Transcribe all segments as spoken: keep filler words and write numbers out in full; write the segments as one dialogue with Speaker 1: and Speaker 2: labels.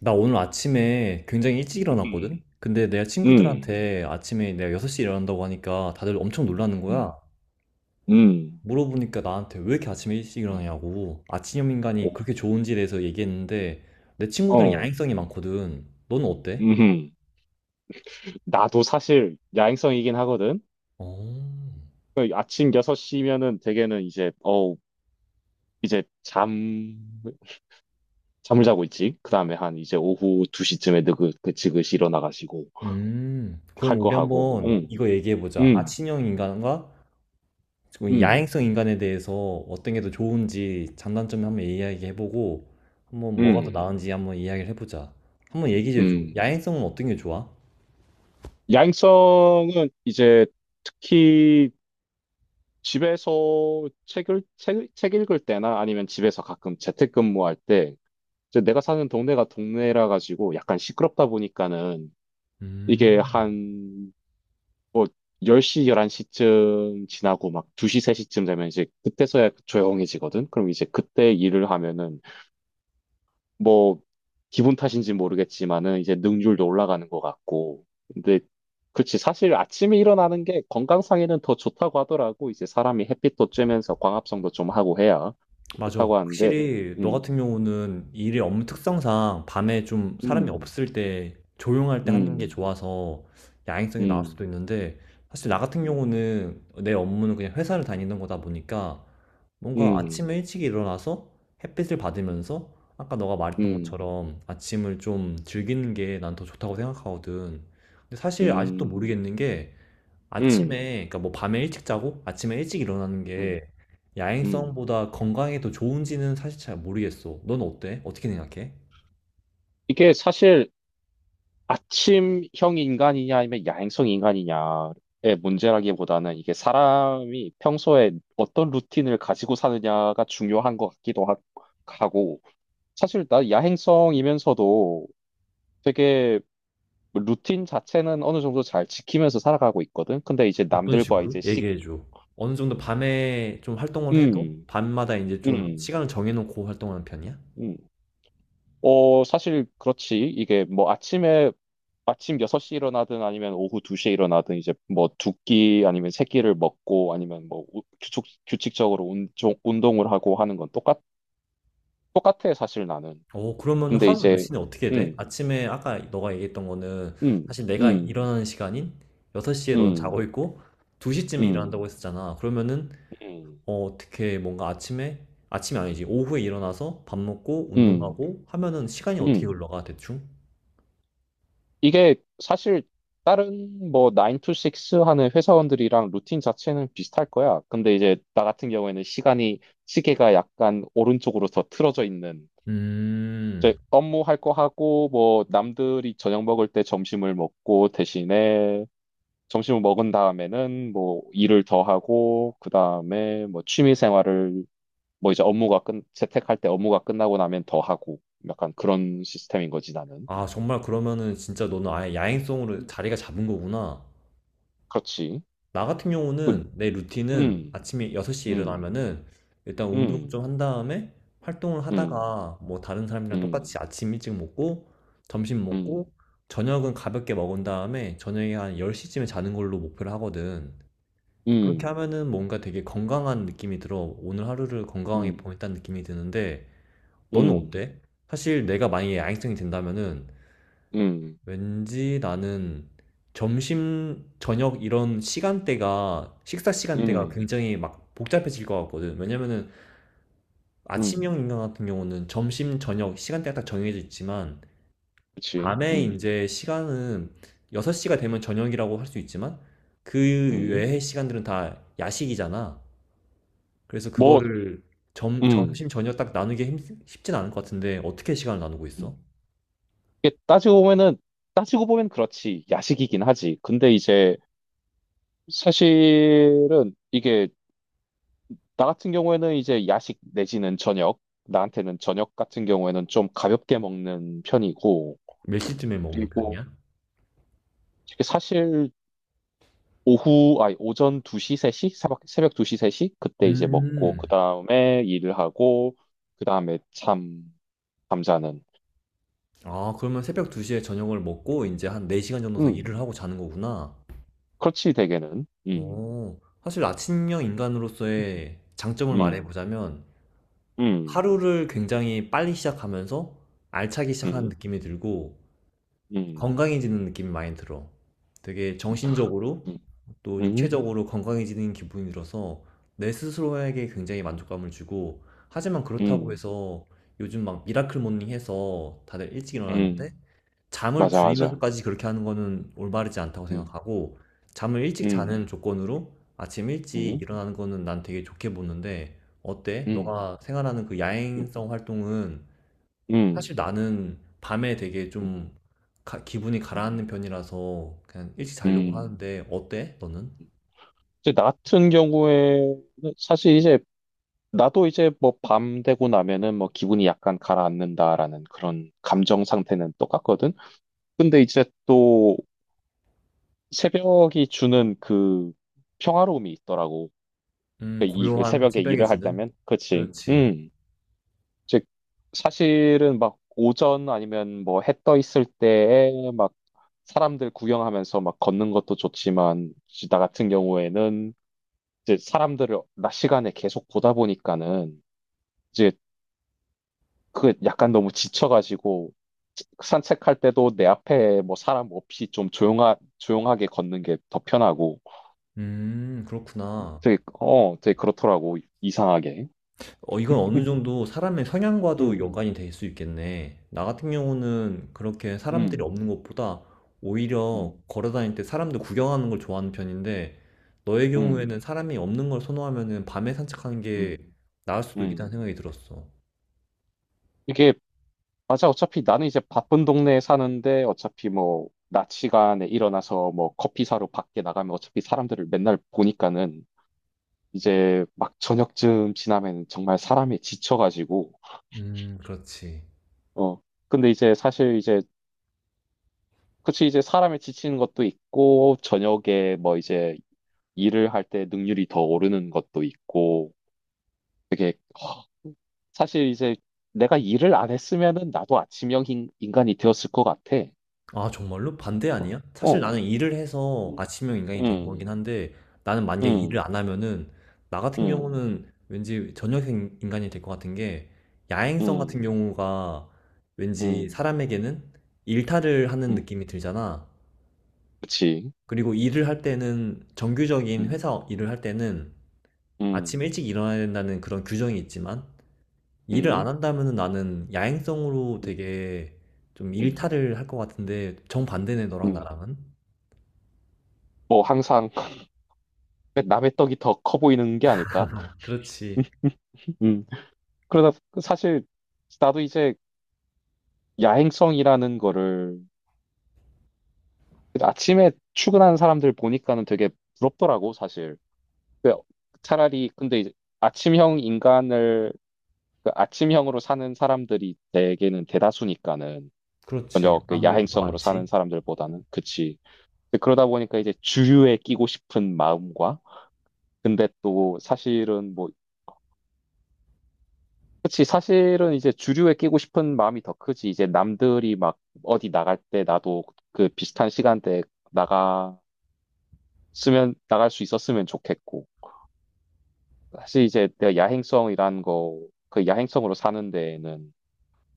Speaker 1: 나 오늘 아침에 굉장히 일찍
Speaker 2: 음,
Speaker 1: 일어났거든? 근데 내가
Speaker 2: 음,
Speaker 1: 친구들한테 아침에 내가 여섯 시에 일어난다고 하니까 다들 엄청 놀라는 거야.
Speaker 2: 음, 음,
Speaker 1: 물어보니까 나한테 왜 이렇게 아침에 일찍
Speaker 2: 어,
Speaker 1: 일어나냐고. 아침형
Speaker 2: 어,
Speaker 1: 인간이 그렇게 좋은지에 대해서 얘기했는데 내 친구들은
Speaker 2: 어,
Speaker 1: 야행성이 많거든. 너는 어때?
Speaker 2: 음. 나도 사실 야행성이긴 하거든.
Speaker 1: 어.
Speaker 2: 그 아침 여섯 시면은 대개는 이제, 어, 이제 잠, 잠을 자고 있지. 그 다음에 한 이제 오후 두 시쯤에 느긋느긋 일어나가지고
Speaker 1: 음.
Speaker 2: 할
Speaker 1: 그럼
Speaker 2: 거
Speaker 1: 우리
Speaker 2: 하고,
Speaker 1: 한번
Speaker 2: 응,
Speaker 1: 이거 얘기해보자.
Speaker 2: 응,
Speaker 1: 아침형 인간과 지금
Speaker 2: 응,
Speaker 1: 야행성 인간에 대해서 어떤 게 더 좋은지 장단점을 한번 이야기해보고 한번 뭐가 더
Speaker 2: 응,
Speaker 1: 나은지 한번 이야기를 해보자. 한번 얘기해줘.
Speaker 2: 응.
Speaker 1: 야행성은 어떤 게 좋아?
Speaker 2: 야행성은 이제 특히 집에서 책을, 책, 책 읽을 때나 아니면 집에서 가끔 재택근무할 때, 이제 내가 사는 동네가 동네라 가지고 약간 시끄럽다 보니까는, 이게
Speaker 1: 음,
Speaker 2: 한 뭐 열 시, 열한 시쯤 지나고 막 두 시, 세 시쯤 되면 이제 그때서야 조용해지거든? 그럼 이제 그때 일을 하면은 뭐 기분 탓인지 모르겠지만은 이제 능률도 올라가는 것 같고. 근데 그치, 사실 아침에 일어나는 게 건강상에는 더 좋다고 하더라고. 이제 사람이 햇빛도 쬐면서 광합성도 좀 하고 해야 좋
Speaker 1: 맞아.
Speaker 2: 다고 하는데,
Speaker 1: 확실히 너
Speaker 2: 음,
Speaker 1: 같은 경우는 일의 업무 특성상 밤에 좀 사람이
Speaker 2: 음,
Speaker 1: 없을 때 조용할 때 하는 게
Speaker 2: 음,
Speaker 1: 좋아서 야행성이 나올
Speaker 2: 음,
Speaker 1: 수도 있는데 사실 나 같은
Speaker 2: 음.
Speaker 1: 경우는 내 업무는 그냥 회사를 다니는 거다 보니까 뭔가
Speaker 2: 음,
Speaker 1: 아침에 일찍 일어나서 햇빛을 받으면서 아까 너가 말했던
Speaker 2: 음,
Speaker 1: 것처럼 아침을 좀 즐기는 게 난 더 좋다고 생각하거든. 근데 사실 아직도
Speaker 2: 음,
Speaker 1: 모르겠는 게
Speaker 2: 음,
Speaker 1: 아침에, 그러니까 뭐 밤에 일찍 자고 아침에 일찍 일어나는 게
Speaker 2: 음, 음.
Speaker 1: 야행성보다 건강에 더 좋은지는 사실 잘 모르겠어. 넌 어때? 어떻게 생각해?
Speaker 2: 이게 사실 아침형 인간이냐 아니면 야행성 인간이냐의 문제라기보다는, 이게 사람이 평소에 어떤 루틴을 가지고 사느냐가 중요한 것 같기도 하- 하고. 사실 나 야행성이면서도 되게 루틴 자체는 어느 정도 잘 지키면서 살아가고 있거든. 근데 이제
Speaker 1: 어떤
Speaker 2: 남들과
Speaker 1: 식으로?
Speaker 2: 이제 씩,
Speaker 1: 얘기해줘. 어느 정도 밤에 좀 활동을 해도
Speaker 2: 음,
Speaker 1: 밤마다 이제 좀
Speaker 2: 음,
Speaker 1: 시간을 정해놓고 활동하는 편이야?
Speaker 2: 음. 어, 사실 그렇지. 이게 뭐 아침에 아침 여섯 시 일어나든 아니면 오후 두 시에 일어나든, 이제 뭐 두끼 아니면 세 끼를 먹고, 아니면 뭐 우- 규칙, 규칙적으로 운, 종- 운동을 하고 하는 건 똑같, 똑같아, 사실 나는.
Speaker 1: 어 그러면
Speaker 2: 근데
Speaker 1: 하루
Speaker 2: 이제,
Speaker 1: 루틴이 어떻게 돼?
Speaker 2: 음,
Speaker 1: 아침에 아까 너가 얘기했던 거는
Speaker 2: 음,
Speaker 1: 사실 내가
Speaker 2: 음,
Speaker 1: 일어나는 시간인 여섯 시에 너는 자고
Speaker 2: 음,
Speaker 1: 있고 두 시쯤에 일어난다고
Speaker 2: 음,
Speaker 1: 했었잖아. 그러면은
Speaker 2: 음,
Speaker 1: 어, 어떻게 뭔가 아침에 아침이 아니지. 오후에 일어나서 밥 먹고
Speaker 2: 음,
Speaker 1: 운동하고 하면은 시간이 어떻게
Speaker 2: 음.
Speaker 1: 흘러가 대충?
Speaker 2: 이게 사실 다른 뭐 나인 to 식스 하는 회사원들이랑 루틴 자체는 비슷할 거야. 근데 이제 나 같은 경우에는 시간이, 시계가 약간 오른쪽으로 더 틀어져 있는. 이제
Speaker 1: 음.
Speaker 2: 업무할 거 하고, 뭐 남들이 저녁 먹을 때 점심을 먹고, 대신에 점심을 먹은 다음에는 뭐 일을 더 하고, 그다음에 뭐 취미 생활을, 뭐 이제 업무가 끝 재택할 때 업무가 끝나고 나면 더 하고, 약간 그런 시스템인 거지 나는.
Speaker 1: 아, 정말 그러면은 진짜 너는 아예 야행성으로
Speaker 2: 음.
Speaker 1: 자리가 잡은 거구나.
Speaker 2: 그렇지.
Speaker 1: 나 같은
Speaker 2: 그,
Speaker 1: 경우는 내 루틴은
Speaker 2: 음,
Speaker 1: 아침에 여섯 시에
Speaker 2: 음,
Speaker 1: 일어나면은 일단 운동을 좀
Speaker 2: 음,
Speaker 1: 한 다음에 활동을
Speaker 2: 음,
Speaker 1: 하다가 뭐 다른 사람이랑
Speaker 2: 음,
Speaker 1: 똑같이 아침 일찍 먹고 점심 먹고
Speaker 2: 음,
Speaker 1: 저녁은 가볍게 먹은 다음에 저녁에 한 열 시쯤에 자는 걸로 목표를 하거든. 그렇게
Speaker 2: 음,
Speaker 1: 하면은 뭔가 되게 건강한 느낌이 들어. 오늘 하루를 건강하게
Speaker 2: 음,
Speaker 1: 보냈다는 느낌이 드는데 너는
Speaker 2: 음,
Speaker 1: 어때? 사실 내가 만약에 야행성이 된다면은
Speaker 2: 음,
Speaker 1: 왠지 나는 점심, 저녁 이런 시간대가, 식사 시간대가
Speaker 2: 음,
Speaker 1: 굉장히 막 복잡해질 것 같거든. 왜냐면은 아침형
Speaker 2: 음.
Speaker 1: 인간 같은 경우는 점심, 저녁 시간대가 딱 정해져 있지만,
Speaker 2: 그렇지.
Speaker 1: 밤에
Speaker 2: 음,
Speaker 1: 이제 시간은 여섯 시가 되면 저녁이라고 할 수 있지만, 그
Speaker 2: 음.
Speaker 1: 외의 시간들은 다 야식이잖아. 그래서
Speaker 2: 뭐,
Speaker 1: 그거를 점,
Speaker 2: 음.
Speaker 1: 점심, 저녁 딱 나누기 힘- 쉽진 않을 것 같은데, 어떻게 시간을 나누고 있어?
Speaker 2: 음. 이게 따지고 보면은, 따지고 보면 그렇지, 야식이긴 하지. 근데 이제 사실은 이게, 나 같은 경우에는 이제 야식 내지는 저녁, 나한테는 저녁 같은 경우에는 좀 가볍게 먹는 편이고,
Speaker 1: 몇 시쯤에 먹는
Speaker 2: 그리고
Speaker 1: 편이야?
Speaker 2: 이게 사실 오후 아니 오전 두 시 세 시, 새벽 새벽 두 시 세 시 그때 이제 먹고,
Speaker 1: 음,
Speaker 2: 그다음에 일을 하고, 그다음에 잠 잠자는.
Speaker 1: 아 그러면 새벽 두 시에 저녁을 먹고 이제한 네 시간 정도 더
Speaker 2: 음.
Speaker 1: 일을 하고 자는 거구나.
Speaker 2: 그렇지, 대개는. 음,
Speaker 1: 어. 사실 아침형 인간으로서의 장점을 말해
Speaker 2: 음,
Speaker 1: 보자면
Speaker 2: 음,
Speaker 1: 하루를 굉장히 빨리 시작하면서 알차게
Speaker 2: 음,
Speaker 1: 시작하는
Speaker 2: 음.
Speaker 1: 느낌이 들고 건강해지는 느낌이 많이 들어. 되게
Speaker 2: 음.
Speaker 1: 정신적으로
Speaker 2: 음.
Speaker 1: 또
Speaker 2: 음,
Speaker 1: 육체적으로 건강해지는 기분이 들어서 내 스스로에게 굉장히 만족감을 주고 하지만 그렇다고
Speaker 2: 음,
Speaker 1: 해서 요즘 막 미라클 모닝 해서 다들 일찍 일어났는
Speaker 2: 음,
Speaker 1: 데 잠을
Speaker 2: 맞아, 맞아.
Speaker 1: 줄이면서까지 그렇게 하는 거는 올바르지 않다고
Speaker 2: 음,
Speaker 1: 생각하고 잠을 일찍
Speaker 2: 음,
Speaker 1: 자는 조건으로 아침 일찍
Speaker 2: 음,
Speaker 1: 일어나는 거는 난 되게 좋게 보는데 어때?
Speaker 2: 음,
Speaker 1: 너가 생활하는 그
Speaker 2: 음,
Speaker 1: 야행성 활동은 사실
Speaker 2: 음,
Speaker 1: 나는 밤에 되게
Speaker 2: 음,
Speaker 1: 좀 가- 기분이
Speaker 2: 음.
Speaker 1: 가라앉는 편이라서 그냥 일찍 자려고
Speaker 2: 음.
Speaker 1: 하는데 어때? 너는?
Speaker 2: 이제 나 같은 경우에, 사실 이제 나도 이제 뭐 밤 되고 나면은 뭐 기분이 약간 가라앉는다라는 그런 감정 상태는 똑같거든. 근데 이제 또 새벽이 주는 그 평화로움이 있더라고.
Speaker 1: 음,
Speaker 2: 그러니까 이그
Speaker 1: 고요한
Speaker 2: 새벽에
Speaker 1: 새벽에
Speaker 2: 일을 할
Speaker 1: 주는?
Speaker 2: 때면, 그치?
Speaker 1: 그렇지.
Speaker 2: 음. 즉 사실은 막 오전 아니면 뭐 해 떠 있을 때에 막 사람들 구경하면서 막 걷는 것도 좋지만, 이제 나 같은 경우에는 이제 사람들을 낮 시간에 계속 보다 보니까는, 이제 그 약간 너무 지쳐가지고 산책할 때도 내 앞에 뭐 사람 없이 좀 조용하, 조용하게 걷는 게 더 편하고.
Speaker 1: 음, 그렇구나.
Speaker 2: 되게, 어, 되게 그렇더라고 이상하게.
Speaker 1: 어, 이건 어느 정도 사람의 성향과도
Speaker 2: 음,
Speaker 1: 연관이 될 수 있겠네. 나 같은 경우는 그렇게 사람들이
Speaker 2: 음,
Speaker 1: 없는 것보다 오히려
Speaker 2: 음,
Speaker 1: 걸어 다닐 때 사람들 구경하는 걸 좋아하는 편인데, 너의 경우에는
Speaker 2: 음,
Speaker 1: 사람이 없는 걸 선호하면은 밤에 산책하는 게
Speaker 2: 음,
Speaker 1: 나을 수도 있겠다는
Speaker 2: 음.
Speaker 1: 생각이 들었어.
Speaker 2: 이게 맞아. 어차피 나는 이제 바쁜 동네에 사는데 어차피 뭐 낮 시간에 일어나서 뭐 커피 사러 밖에 나가면 어차피 사람들을 맨날 보니까는, 이제 막 저녁쯤 지나면 정말 사람이 지쳐가지고.
Speaker 1: 음, 그렇지.
Speaker 2: 어, 근데 이제 사실 이제 그치, 이제 사람이 지치는 것도 있고, 저녁에 뭐 이제 일을 할 때 능률이 더 오르는 것도 있고. 되게, 허, 사실 이제 내가 일을 안 했으면은 나도 아침형 인- 인간이 되었을 것 같아.
Speaker 1: 아, 정말로? 반대
Speaker 2: 어,
Speaker 1: 아니야? 사실
Speaker 2: 어,
Speaker 1: 나는 일을 해서 아침형 인간이 된
Speaker 2: 음.
Speaker 1: 거긴 한데 나는 만약에 일을
Speaker 2: 음,
Speaker 1: 안 하면은 나 같은
Speaker 2: 음,
Speaker 1: 경우는 왠지 저녁형 인간이 될 것 같은 게 야행성 같은
Speaker 2: 음,
Speaker 1: 경우가 왠지
Speaker 2: 음,
Speaker 1: 사람에게는 일탈을 하는
Speaker 2: 음.
Speaker 1: 느낌이 들잖아.
Speaker 2: 그치.
Speaker 1: 그리고 일을 할 때는 정규적인
Speaker 2: 음,
Speaker 1: 회사 일을 할 때는
Speaker 2: 음,
Speaker 1: 아침 일찍 일어나야 된다는 그런 규정이 있지만 일을 안
Speaker 2: 음,
Speaker 1: 한다면은 나는 야행성으로
Speaker 2: 음,
Speaker 1: 되게 좀
Speaker 2: 음,
Speaker 1: 일탈을 할 것 같은데 정반대네 너랑
Speaker 2: 음.
Speaker 1: 나랑은.
Speaker 2: 뭐 항상 남의 떡이 더 커 보이는 게 아닐까?
Speaker 1: 그렇지.
Speaker 2: 음. 그러다 그 사실 나도 이제 야행성이라는 거를, 아침에 출근하는 사람들 보니까는 되게 부럽더라고 사실. 그 차라리 근데 이제 아침형 인간을, 그 아침형으로 사는 사람들이 대개는 대다수니까는
Speaker 1: 그렇지.
Speaker 2: 저녁 그
Speaker 1: 아무래도 더
Speaker 2: 야행성으로 사는
Speaker 1: 많지.
Speaker 2: 사람들보다는, 그치. 근데 그러다 보니까 이제 주류에 끼고 싶은 마음과, 근데 또 사실은 뭐 그치, 사실은 이제 주류에 끼고 싶은 마음이 더 크지. 이제 남들이 막 어디 나갈 때 나도 그 비슷한 시간대에 나갔으면 나갈 수 있었으면 좋겠고. 사실 이제 내가 야행성이라는 거, 그 야행성으로 사는 데에는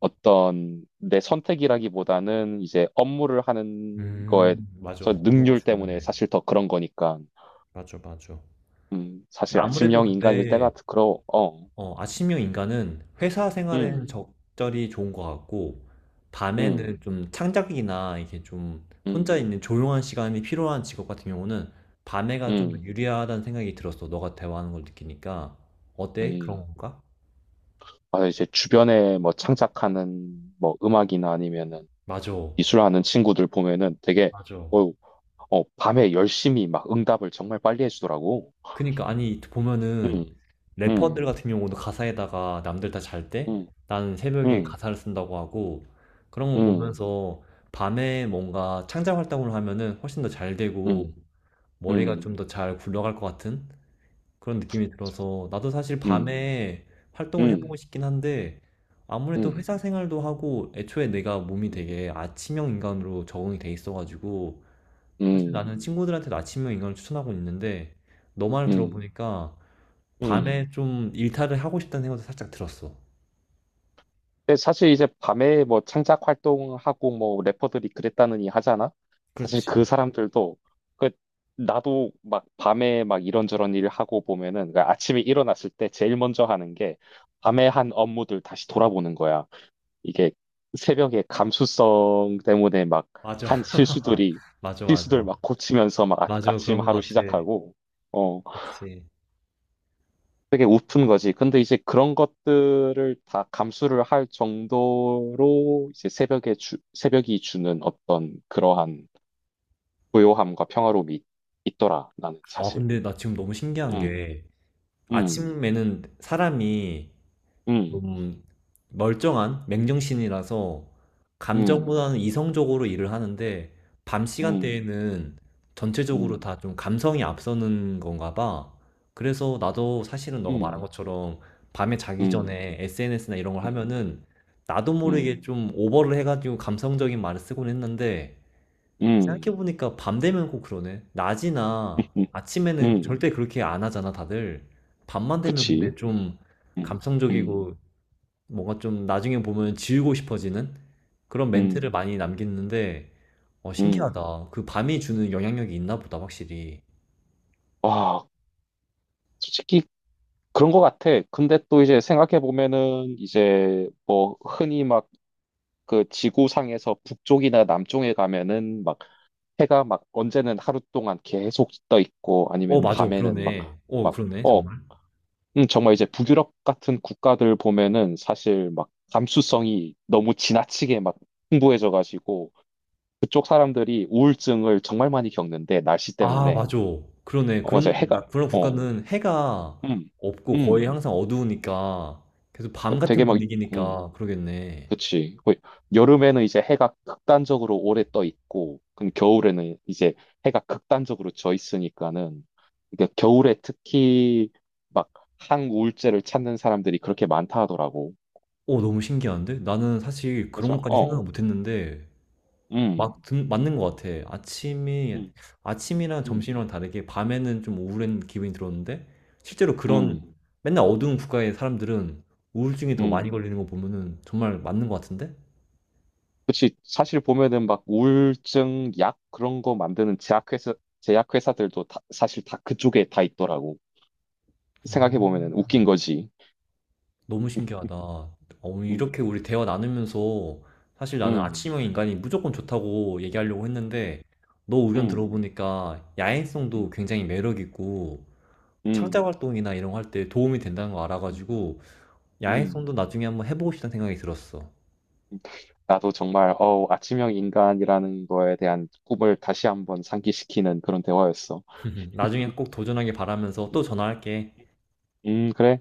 Speaker 2: 어떤 내 선택이라기보다는 이제 업무를 하는 거에서
Speaker 1: 음, 맞아. 언어가
Speaker 2: 능률
Speaker 1: 중요해.
Speaker 2: 때문에
Speaker 1: 음,
Speaker 2: 사실 더 그런 거니까.
Speaker 1: 맞아, 맞아.
Speaker 2: 음, 사실
Speaker 1: 아무래도
Speaker 2: 아침형 인간일 때가
Speaker 1: 근데
Speaker 2: 그러, 어.
Speaker 1: 어, 아침형 인간은 회사 생활에는
Speaker 2: 음,
Speaker 1: 적절히 좋은 것 같고 밤에는
Speaker 2: 음,
Speaker 1: 좀 창작이나 이게 좀 혼자
Speaker 2: 음,
Speaker 1: 있는 조용한 시간이 필요한 직업 같은 경우는 밤에가 좀 더
Speaker 2: 음,
Speaker 1: 유리하다는 생각이 들었어. 너가 대화하는 걸 느끼니까 어때? 그런
Speaker 2: 음.
Speaker 1: 건가?
Speaker 2: 아, 이제 주변에 뭐 창작하는 뭐 음악이나 아니면은
Speaker 1: 맞아,
Speaker 2: 미술하는 친구들 보면은 되게,
Speaker 1: 맞아.
Speaker 2: 어, 어, 밤에 열심히 막 응답을 정말 빨리 해주더라고.
Speaker 1: 그니까 아니
Speaker 2: 음,
Speaker 1: 보면은 래퍼들
Speaker 2: 음,
Speaker 1: 같은 경우도 가사에다가 남들 다 잘 때
Speaker 2: 음,
Speaker 1: 나는 새벽에
Speaker 2: 음,
Speaker 1: 가사를 쓴다고 하고 그런 거
Speaker 2: 음,
Speaker 1: 보면서 밤에 뭔가 창작 활동을 하면은 훨씬 더 잘 되고
Speaker 2: 음,
Speaker 1: 머리가
Speaker 2: 음,
Speaker 1: 좀 더 잘 굴러갈 것 같은 그런 느낌이
Speaker 2: 맞아.
Speaker 1: 들어서 나도 사실
Speaker 2: 음,
Speaker 1: 밤에 활동을 해보고
Speaker 2: 음,
Speaker 1: 싶긴 한데 아무래도
Speaker 2: 음,
Speaker 1: 회사 생활도 하고 애초에 내가 몸이
Speaker 2: 음,
Speaker 1: 되게 아침형 인간으로 적응이 돼 있어가지고 사실 나는
Speaker 2: 음,
Speaker 1: 친구들한테도 아침형 인간을 추천하고 있는데 너 말을
Speaker 2: 음,
Speaker 1: 들어보니까
Speaker 2: 음.
Speaker 1: 밤에 좀 일탈을 하고 싶다는 생각도 살짝 들었어.
Speaker 2: 근데 사실 이제 밤에 뭐 창작 활동하고 뭐 래퍼들이 그랬다느니 하잖아. 사실 그
Speaker 1: 그렇지.
Speaker 2: 사람들도 그, 나도 막 밤에 막 이런저런 일을 하고 보면은 그 아침에 일어났을 때 제일 먼저 하는 게 밤에 한 업무들 다시 돌아보는 거야. 이게 새벽에 감수성 때문에 막
Speaker 1: 맞아.
Speaker 2: 한 실수들이
Speaker 1: 맞아, 맞아.
Speaker 2: 실수들 막 고치면서 막, 아,
Speaker 1: 맞아,
Speaker 2: 아침
Speaker 1: 그런
Speaker 2: 하루
Speaker 1: 것 같아.
Speaker 2: 시작하고. 어,
Speaker 1: 그치.
Speaker 2: 되게 우픈 거지. 근데 이제 그런 것들을 다 감수를 할 정도로 이제 새벽에 주, 새벽이 주는 어떤 그러한 고요함과 평화로움이 있- 있더라, 나는
Speaker 1: 아,
Speaker 2: 사실.
Speaker 1: 근데 나 지금 너무 신기한
Speaker 2: 음,
Speaker 1: 게,
Speaker 2: 음,
Speaker 1: 아침에는 사람이
Speaker 2: 음,
Speaker 1: 좀 멀쩡한 맨정신이라서
Speaker 2: 음,
Speaker 1: 감정보다는 이성적으로 일을 하는데 밤
Speaker 2: 음,
Speaker 1: 시간대에는 전체적으로
Speaker 2: 음,
Speaker 1: 다 좀 감성이 앞서는 건가 봐. 그래서 나도 사실은 너가 말한
Speaker 2: 음,
Speaker 1: 것처럼 밤에 자기
Speaker 2: 음,
Speaker 1: 전에 에스엔에스나 이런 걸
Speaker 2: 음,
Speaker 1: 하면은 나도 모르게
Speaker 2: 음,
Speaker 1: 좀 오버를 해가지고 감성적인 말을 쓰곤 했는데
Speaker 2: 음.
Speaker 1: 생각해보니까 밤 되면 꼭 그러네. 낮이나 아침에는
Speaker 2: 음,
Speaker 1: 절대 그렇게 안 하잖아, 다들. 밤만 되면
Speaker 2: 그치.
Speaker 1: 근데 좀
Speaker 2: 음, 음,
Speaker 1: 감성적이고 뭔가 좀 나중에 보면 지우고 싶어지는 그런 멘트를
Speaker 2: 음,
Speaker 1: 많이 남겼는데, 어,
Speaker 2: 음.
Speaker 1: 신기하다. 그 밤이 주는 영향력이 있나 보다, 확실히.
Speaker 2: 와, 솔직히 그런 것 같아. 근데 또 이제 생각해 보면은 이제 뭐 흔히 막 그 지구상에서 북쪽이나 남쪽에 가면은 막 해가 막 언제는 하루 동안 계속 떠 있고
Speaker 1: 어,
Speaker 2: 아니면
Speaker 1: 맞아.
Speaker 2: 밤에는 막,
Speaker 1: 그러네. 어,
Speaker 2: 막,
Speaker 1: 그러네.
Speaker 2: 어,
Speaker 1: 정말.
Speaker 2: 음, 정말 이제 북유럽 같은 국가들 보면은 사실 막 감수성이 너무 지나치게 막 풍부해져 가지고 그쪽 사람들이 우울증을 정말 많이 겪는데, 날씨
Speaker 1: 아,
Speaker 2: 때문에.
Speaker 1: 맞아. 그러네.
Speaker 2: 어 맞아,
Speaker 1: 그런,
Speaker 2: 해가,
Speaker 1: 나- 그런
Speaker 2: 어,
Speaker 1: 국가는 해가
Speaker 2: 음,
Speaker 1: 없고 거의
Speaker 2: 음.
Speaker 1: 항상 어두우니까 계속
Speaker 2: 그
Speaker 1: 밤
Speaker 2: 되게
Speaker 1: 같은
Speaker 2: 막, 음.
Speaker 1: 분위기니까 그러겠네.
Speaker 2: 그치. 거의 여름에는 이제 해가 극단적으로 오래 떠 있고, 그럼 겨울에는 이제 해가 극단적으로 져 있으니까는, 그러니까 겨울에 특히 막 항우울제를 찾는 사람들이 그렇게 많다 하더라고.
Speaker 1: 어, 너무 신기한데? 나는 사실 그런
Speaker 2: 맞아.
Speaker 1: 것까지 생각을
Speaker 2: 어.
Speaker 1: 못 했는데,
Speaker 2: 음.
Speaker 1: 막 든, 맞는 것 같아. 아침이,
Speaker 2: 음.
Speaker 1: 아침이랑
Speaker 2: 음.
Speaker 1: 점심이랑 다르게 밤에는 좀 우울한 기분이 들었는데, 실제로
Speaker 2: 음.
Speaker 1: 그런 맨날 어두운 국가의 사람들은 우울증이 더 많이
Speaker 2: 음.
Speaker 1: 걸리는 거 보면은 정말 맞는 것 같은데?
Speaker 2: 그치. 사실 보면은 막 우울증 약 그런 거 만드는 제약회사, 제약회사들도 다, 사실 다 그쪽에 다 있더라고. 생각해
Speaker 1: 음.
Speaker 2: 보면은 웃긴 거지.
Speaker 1: 너무 신기하다. 어,
Speaker 2: 음.
Speaker 1: 이렇게 우리 대화 나누면서 사실 나는
Speaker 2: 음.
Speaker 1: 아침형 인간이 무조건 좋다고 얘기하려고 했는데, 너 의견
Speaker 2: 음.
Speaker 1: 들어보니까 야행성도
Speaker 2: 음.
Speaker 1: 굉장히 매력 있고, 창작
Speaker 2: 음.
Speaker 1: 활동이나 이런 거 할 때 도움이 된다는 거
Speaker 2: 음,
Speaker 1: 알아가지고,
Speaker 2: 음.
Speaker 1: 야외송도 나중에 한번 해보고 싶다는 생각이 들었어.
Speaker 2: 나도 정말, 어, 아침형 인간이라는 거에 대한 꿈을 다시 한번 상기시키는 그런 대화였어.
Speaker 1: 나중에 꼭 도전하길 바라면서 또 전화할게.
Speaker 2: 음, 그래.